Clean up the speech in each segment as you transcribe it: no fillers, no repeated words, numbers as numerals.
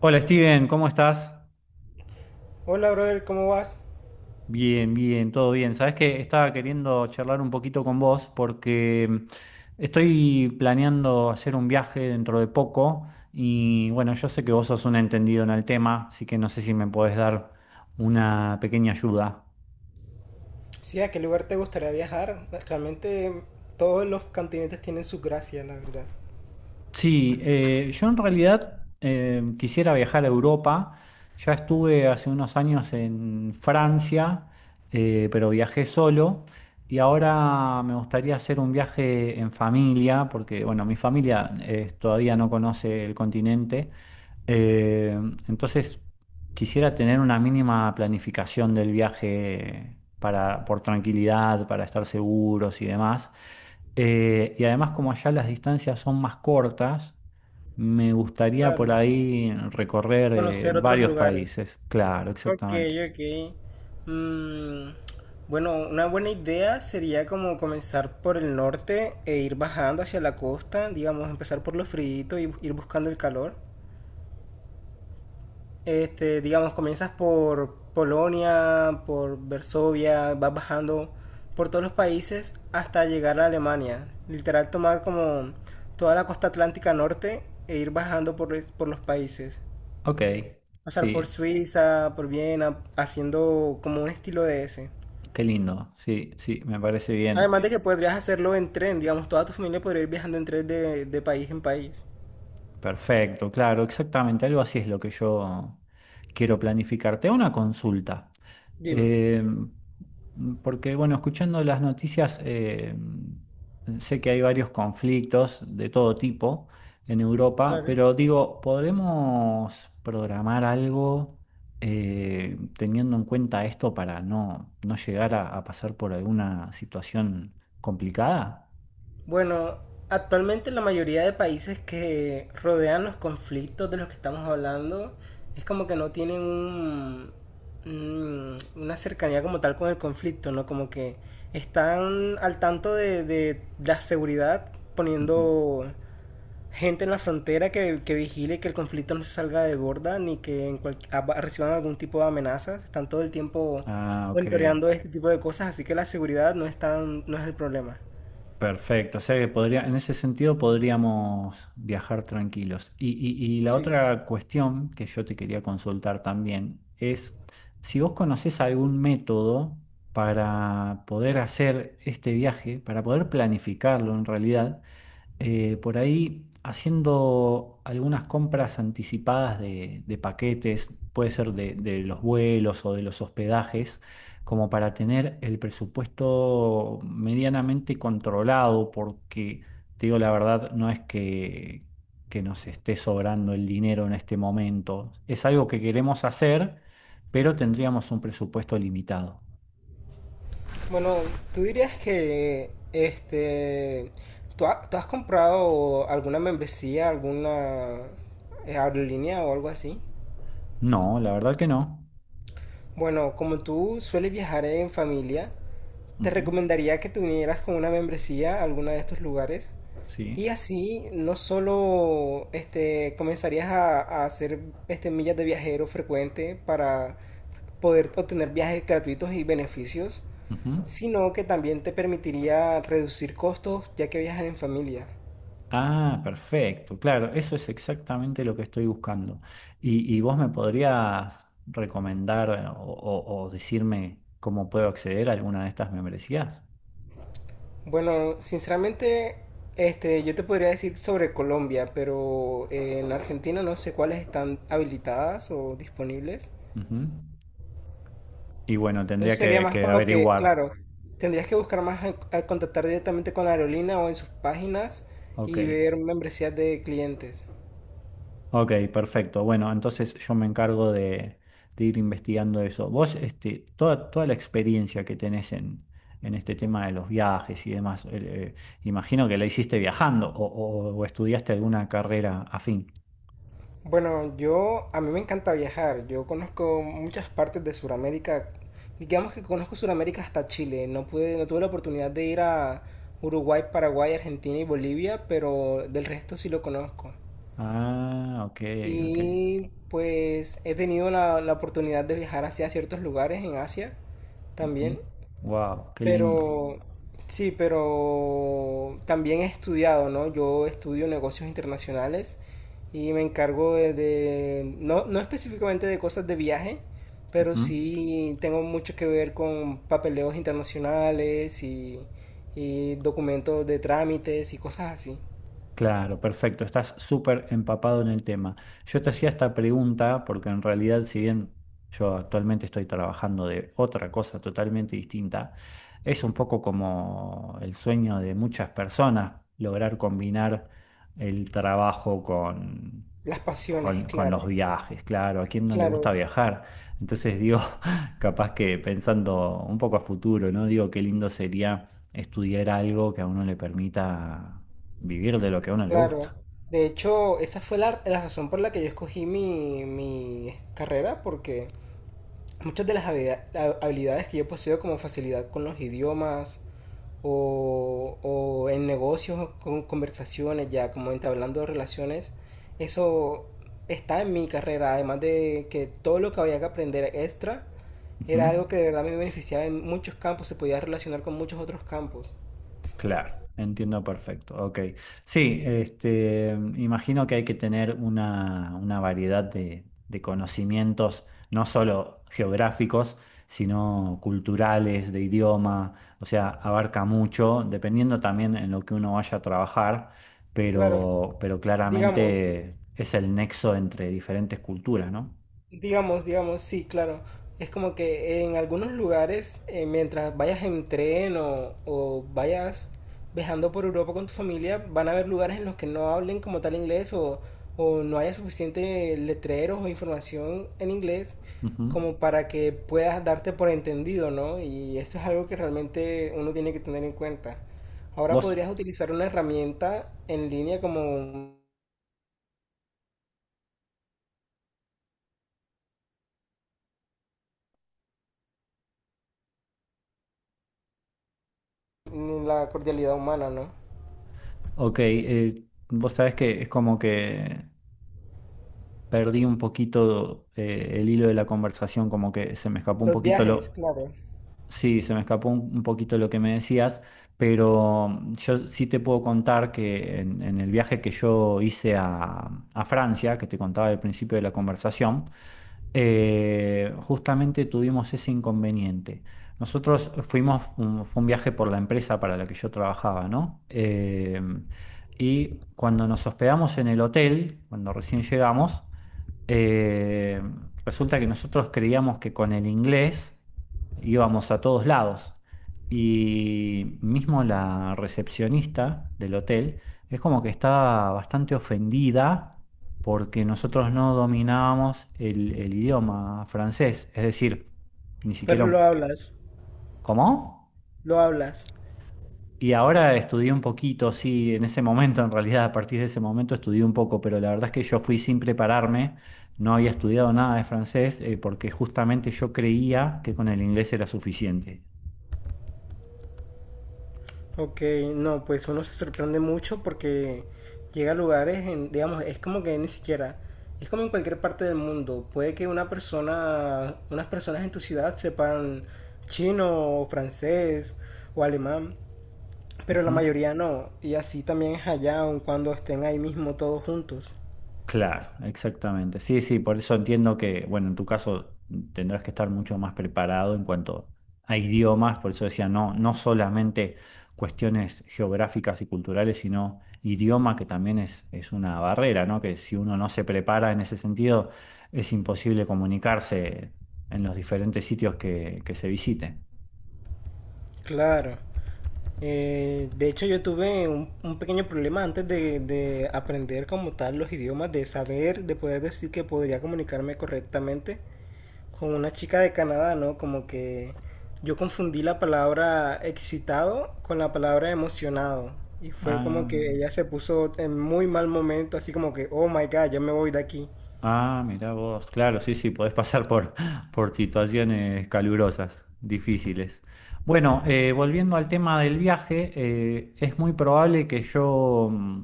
Hola Steven, ¿cómo estás? Hola, brother, ¿cómo vas? Bien, bien, todo bien. Sabes que estaba queriendo charlar un poquito con vos porque estoy planeando hacer un viaje dentro de poco y bueno, yo sé que vos sos un entendido en el tema, así que no sé si me podés dar una pequeña ayuda. Sí, ¿a qué lugar te gustaría viajar? Realmente todos los continentes tienen su gracia, la verdad. Sí, yo en realidad quisiera viajar a Europa. Ya estuve hace unos años en Francia, pero viajé solo. Y ahora me gustaría hacer un viaje en familia, porque bueno, mi familia todavía no conoce el continente. Eh, entonces, quisiera tener una mínima planificación del viaje para, por tranquilidad, para estar seguros y demás. Y además, como allá las distancias son más cortas, me gustaría Claro, por ahí recorrer conocer otros varios lugares. países. Claro, Ok, exactamente. ok. Mm, bueno, una buena idea sería como comenzar por el norte e ir bajando hacia la costa, digamos, empezar por lo frío y ir buscando el calor. Este, digamos, comienzas por Polonia, por Varsovia, vas bajando por todos los países hasta llegar a Alemania. Literal tomar como toda la costa atlántica norte e ir bajando por los países. Ok, Pasar por sí, Suiza, por Viena, haciendo como un estilo de ese. qué lindo. Sí, sí, me parece bien. Además de que podrías hacerlo en tren, digamos, toda tu familia podría ir viajando en tren de país en país. Perfecto, claro, exactamente, algo así es lo que yo quiero planificarte. Una consulta, Dime, eh, porque bueno, escuchando las noticias, sé que hay varios conflictos de todo tipo en Europa, claro. pero digo, ¿podremos programar algo teniendo en cuenta esto para no, no llegar a pasar por alguna situación complicada? Bueno, actualmente la mayoría de países que rodean los conflictos de los que estamos hablando es como que no tienen una cercanía como tal con el conflicto, ¿no? Como que están al tanto de la seguridad Ujú. poniendo gente en la frontera que vigile que el conflicto no se salga de borda ni que en reciban algún tipo de amenazas. Están todo el tiempo Ah, ok. monitoreando este tipo de cosas, así que la seguridad no es el problema. Perfecto, o sea que podría, en ese sentido podríamos viajar tranquilos. Y, y la Sí. otra cuestión que yo te quería consultar también es si vos conocés algún método para poder hacer este viaje, para poder planificarlo en realidad por ahí haciendo algunas compras anticipadas de paquetes, puede ser de los vuelos o de los hospedajes, como para tener el presupuesto medianamente controlado, porque te digo la verdad, no es que nos esté sobrando el dinero en este momento. Es algo que queremos hacer, pero tendríamos un presupuesto limitado. Bueno, ¿tú dirías que tú has comprado alguna membresía, alguna aerolínea o algo así? No, la verdad que no. Bueno, como tú sueles viajar en familia, te Ujú, recomendaría que te unieras con una membresía a alguno de estos lugares sí, y así no solo comenzarías a hacer este millas de viajero frecuente para poder obtener viajes gratuitos y beneficios, ujú. sino que también te permitiría reducir costos ya que viajan en familia. Ah, perfecto, claro, eso es exactamente lo que estoy buscando. Y vos me podrías recomendar o, o decirme cómo puedo acceder a alguna de estas membresías? Bueno, sinceramente, este, yo te podría decir sobre Colombia, pero en Argentina no sé cuáles están habilitadas o disponibles. Ujú. Y bueno, tendría Entonces sería más que como que, averiguar. claro, tendrías que buscar más, a contactar directamente con la aerolínea o en sus páginas Ok, y ver membresías de clientes. ok, perfecto. Bueno, entonces yo me encargo de ir investigando eso. Vos, este, toda, toda la experiencia que tenés en este tema de los viajes y demás, imagino que la hiciste viajando o o estudiaste alguna carrera afín. Bueno, yo, a mí me encanta viajar. Yo conozco muchas partes de Sudamérica. Digamos que conozco Sudamérica hasta Chile. No pude, no tuve la oportunidad de ir a Uruguay, Paraguay, Argentina y Bolivia, pero del resto sí lo conozco. Ah, ok, ok. Y pues he tenido la, la oportunidad de viajar hacia ciertos lugares en Asia también. Wow, qué lindo. Pero sí, pero también he estudiado, ¿no? Yo estudio negocios internacionales y me encargo no, no específicamente de cosas de viaje, pero Ujú. sí tengo mucho que ver con papeleos internacionales y documentos de trámites y cosas así. Claro, perfecto, estás súper empapado en el tema. Yo te hacía esta pregunta porque en realidad, si bien yo actualmente estoy trabajando de otra cosa totalmente distinta, es un poco como el sueño de muchas personas lograr combinar el trabajo con, Las pasiones, con claro, los viajes, claro, ¿a quién no le gusta claro, viajar? Entonces digo, capaz que pensando un poco a futuro, ¿no? Digo, qué lindo sería estudiar algo que a uno le permita vivir de lo que a uno le claro. gusta. De hecho, esa fue la, la razón por la que yo escogí mi, mi carrera, porque muchas de las habilidades que yo poseo como facilidad con los idiomas o en negocios, con conversaciones, ya como entablando relaciones, eso está en mi carrera, además de que todo lo que había que aprender extra era Ujú. algo que de verdad me beneficiaba en muchos campos, se podía relacionar con muchos otros campos. Claro, entiendo perfecto. Ok. Sí, este, imagino que hay que tener una variedad de conocimientos, no solo geográficos, sino culturales, de idioma. O sea, abarca mucho, dependiendo también en lo que uno vaya a trabajar, Claro, pero digamos, claramente es el nexo entre diferentes culturas, ¿no? digamos, digamos, sí, claro. Es como que en algunos lugares, mientras vayas en tren o vayas viajando por Europa con tu familia, van a haber lugares en los que no hablen como tal inglés o no haya suficiente letreros o información en inglés Ujú. como para que puedas darte por entendido, ¿no? Y eso es algo que realmente uno tiene que tener en cuenta. Ahora Vos, podrías utilizar una herramienta en línea como la cordialidad humana, ¿no? ok, vos sabés que es como que perdí un poquito el hilo de la conversación, como que se me escapó un Los poquito viajes, lo, claro. sí, se me escapó un poquito lo que me decías, pero yo sí te puedo contar que en el viaje que yo hice a Francia, que te contaba al principio de la conversación, justamente tuvimos ese inconveniente. Nosotros fuimos, fue un viaje por la empresa para la que yo trabajaba, ¿no? Y cuando nos hospedamos en el hotel, cuando recién llegamos, eh, resulta que nosotros creíamos que con el inglés íbamos a todos lados. Y mismo la recepcionista del hotel es como que estaba bastante ofendida porque nosotros no dominábamos el idioma francés. Es decir, ni siquiera Pero un... lo hablas, ¿Cómo? lo hablas. Y ahora estudié un poquito, sí, en ese momento, en realidad, a partir de ese momento estudié un poco, pero la verdad es que yo fui sin prepararme, no había estudiado nada de francés, porque justamente yo creía que con el inglés era suficiente. Ok, no, pues uno se sorprende mucho porque llega a lugares, digamos, es como que ni siquiera, es como en cualquier parte del mundo. Puede que una persona, unas personas en tu ciudad sepan chino, o francés o alemán, pero la Ujú. mayoría no. Y así también es allá, aun cuando estén ahí mismo todos juntos. Claro, exactamente. Sí, sí, por eso entiendo que, bueno, en tu caso tendrás que estar mucho más preparado en cuanto a idiomas, por eso decía, no, no solamente cuestiones geográficas y culturales, sino idioma, que también es una barrera, ¿no? Que si uno no se prepara en ese sentido, es imposible comunicarse en los diferentes sitios que se visite. Claro. De hecho, yo tuve un pequeño problema antes de aprender como tal los idiomas, de saber, de poder decir que podría comunicarme correctamente con una chica de Canadá, ¿no? Como que yo confundí la palabra excitado con la palabra emocionado. Y fue como Ah. que ella se puso en muy mal momento, así como que, oh my god, ya me voy de aquí. Ah, mirá vos, claro, sí, sí, podés pasar por, por situaciones calurosas, difíciles. Bueno, volviendo al tema del viaje, es muy probable que yo,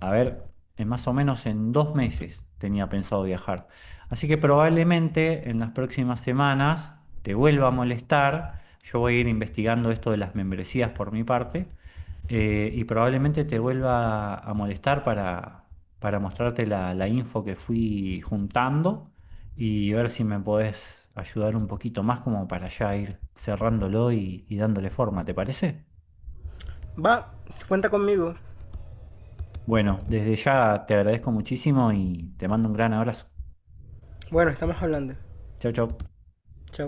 a ver, en más o menos en 2 meses tenía pensado viajar. Así que probablemente en las próximas semanas te vuelva a molestar. Yo voy a ir investigando esto de las membresías por mi parte y probablemente te vuelva a molestar para mostrarte la, la info que fui juntando y ver si me podés ayudar un poquito más como para ya ir cerrándolo y dándole forma, ¿te parece? Va, cuenta conmigo. Bueno, desde ya te agradezco muchísimo y te mando un gran abrazo. Bueno, estamos hablando. Chau, chau. Chao.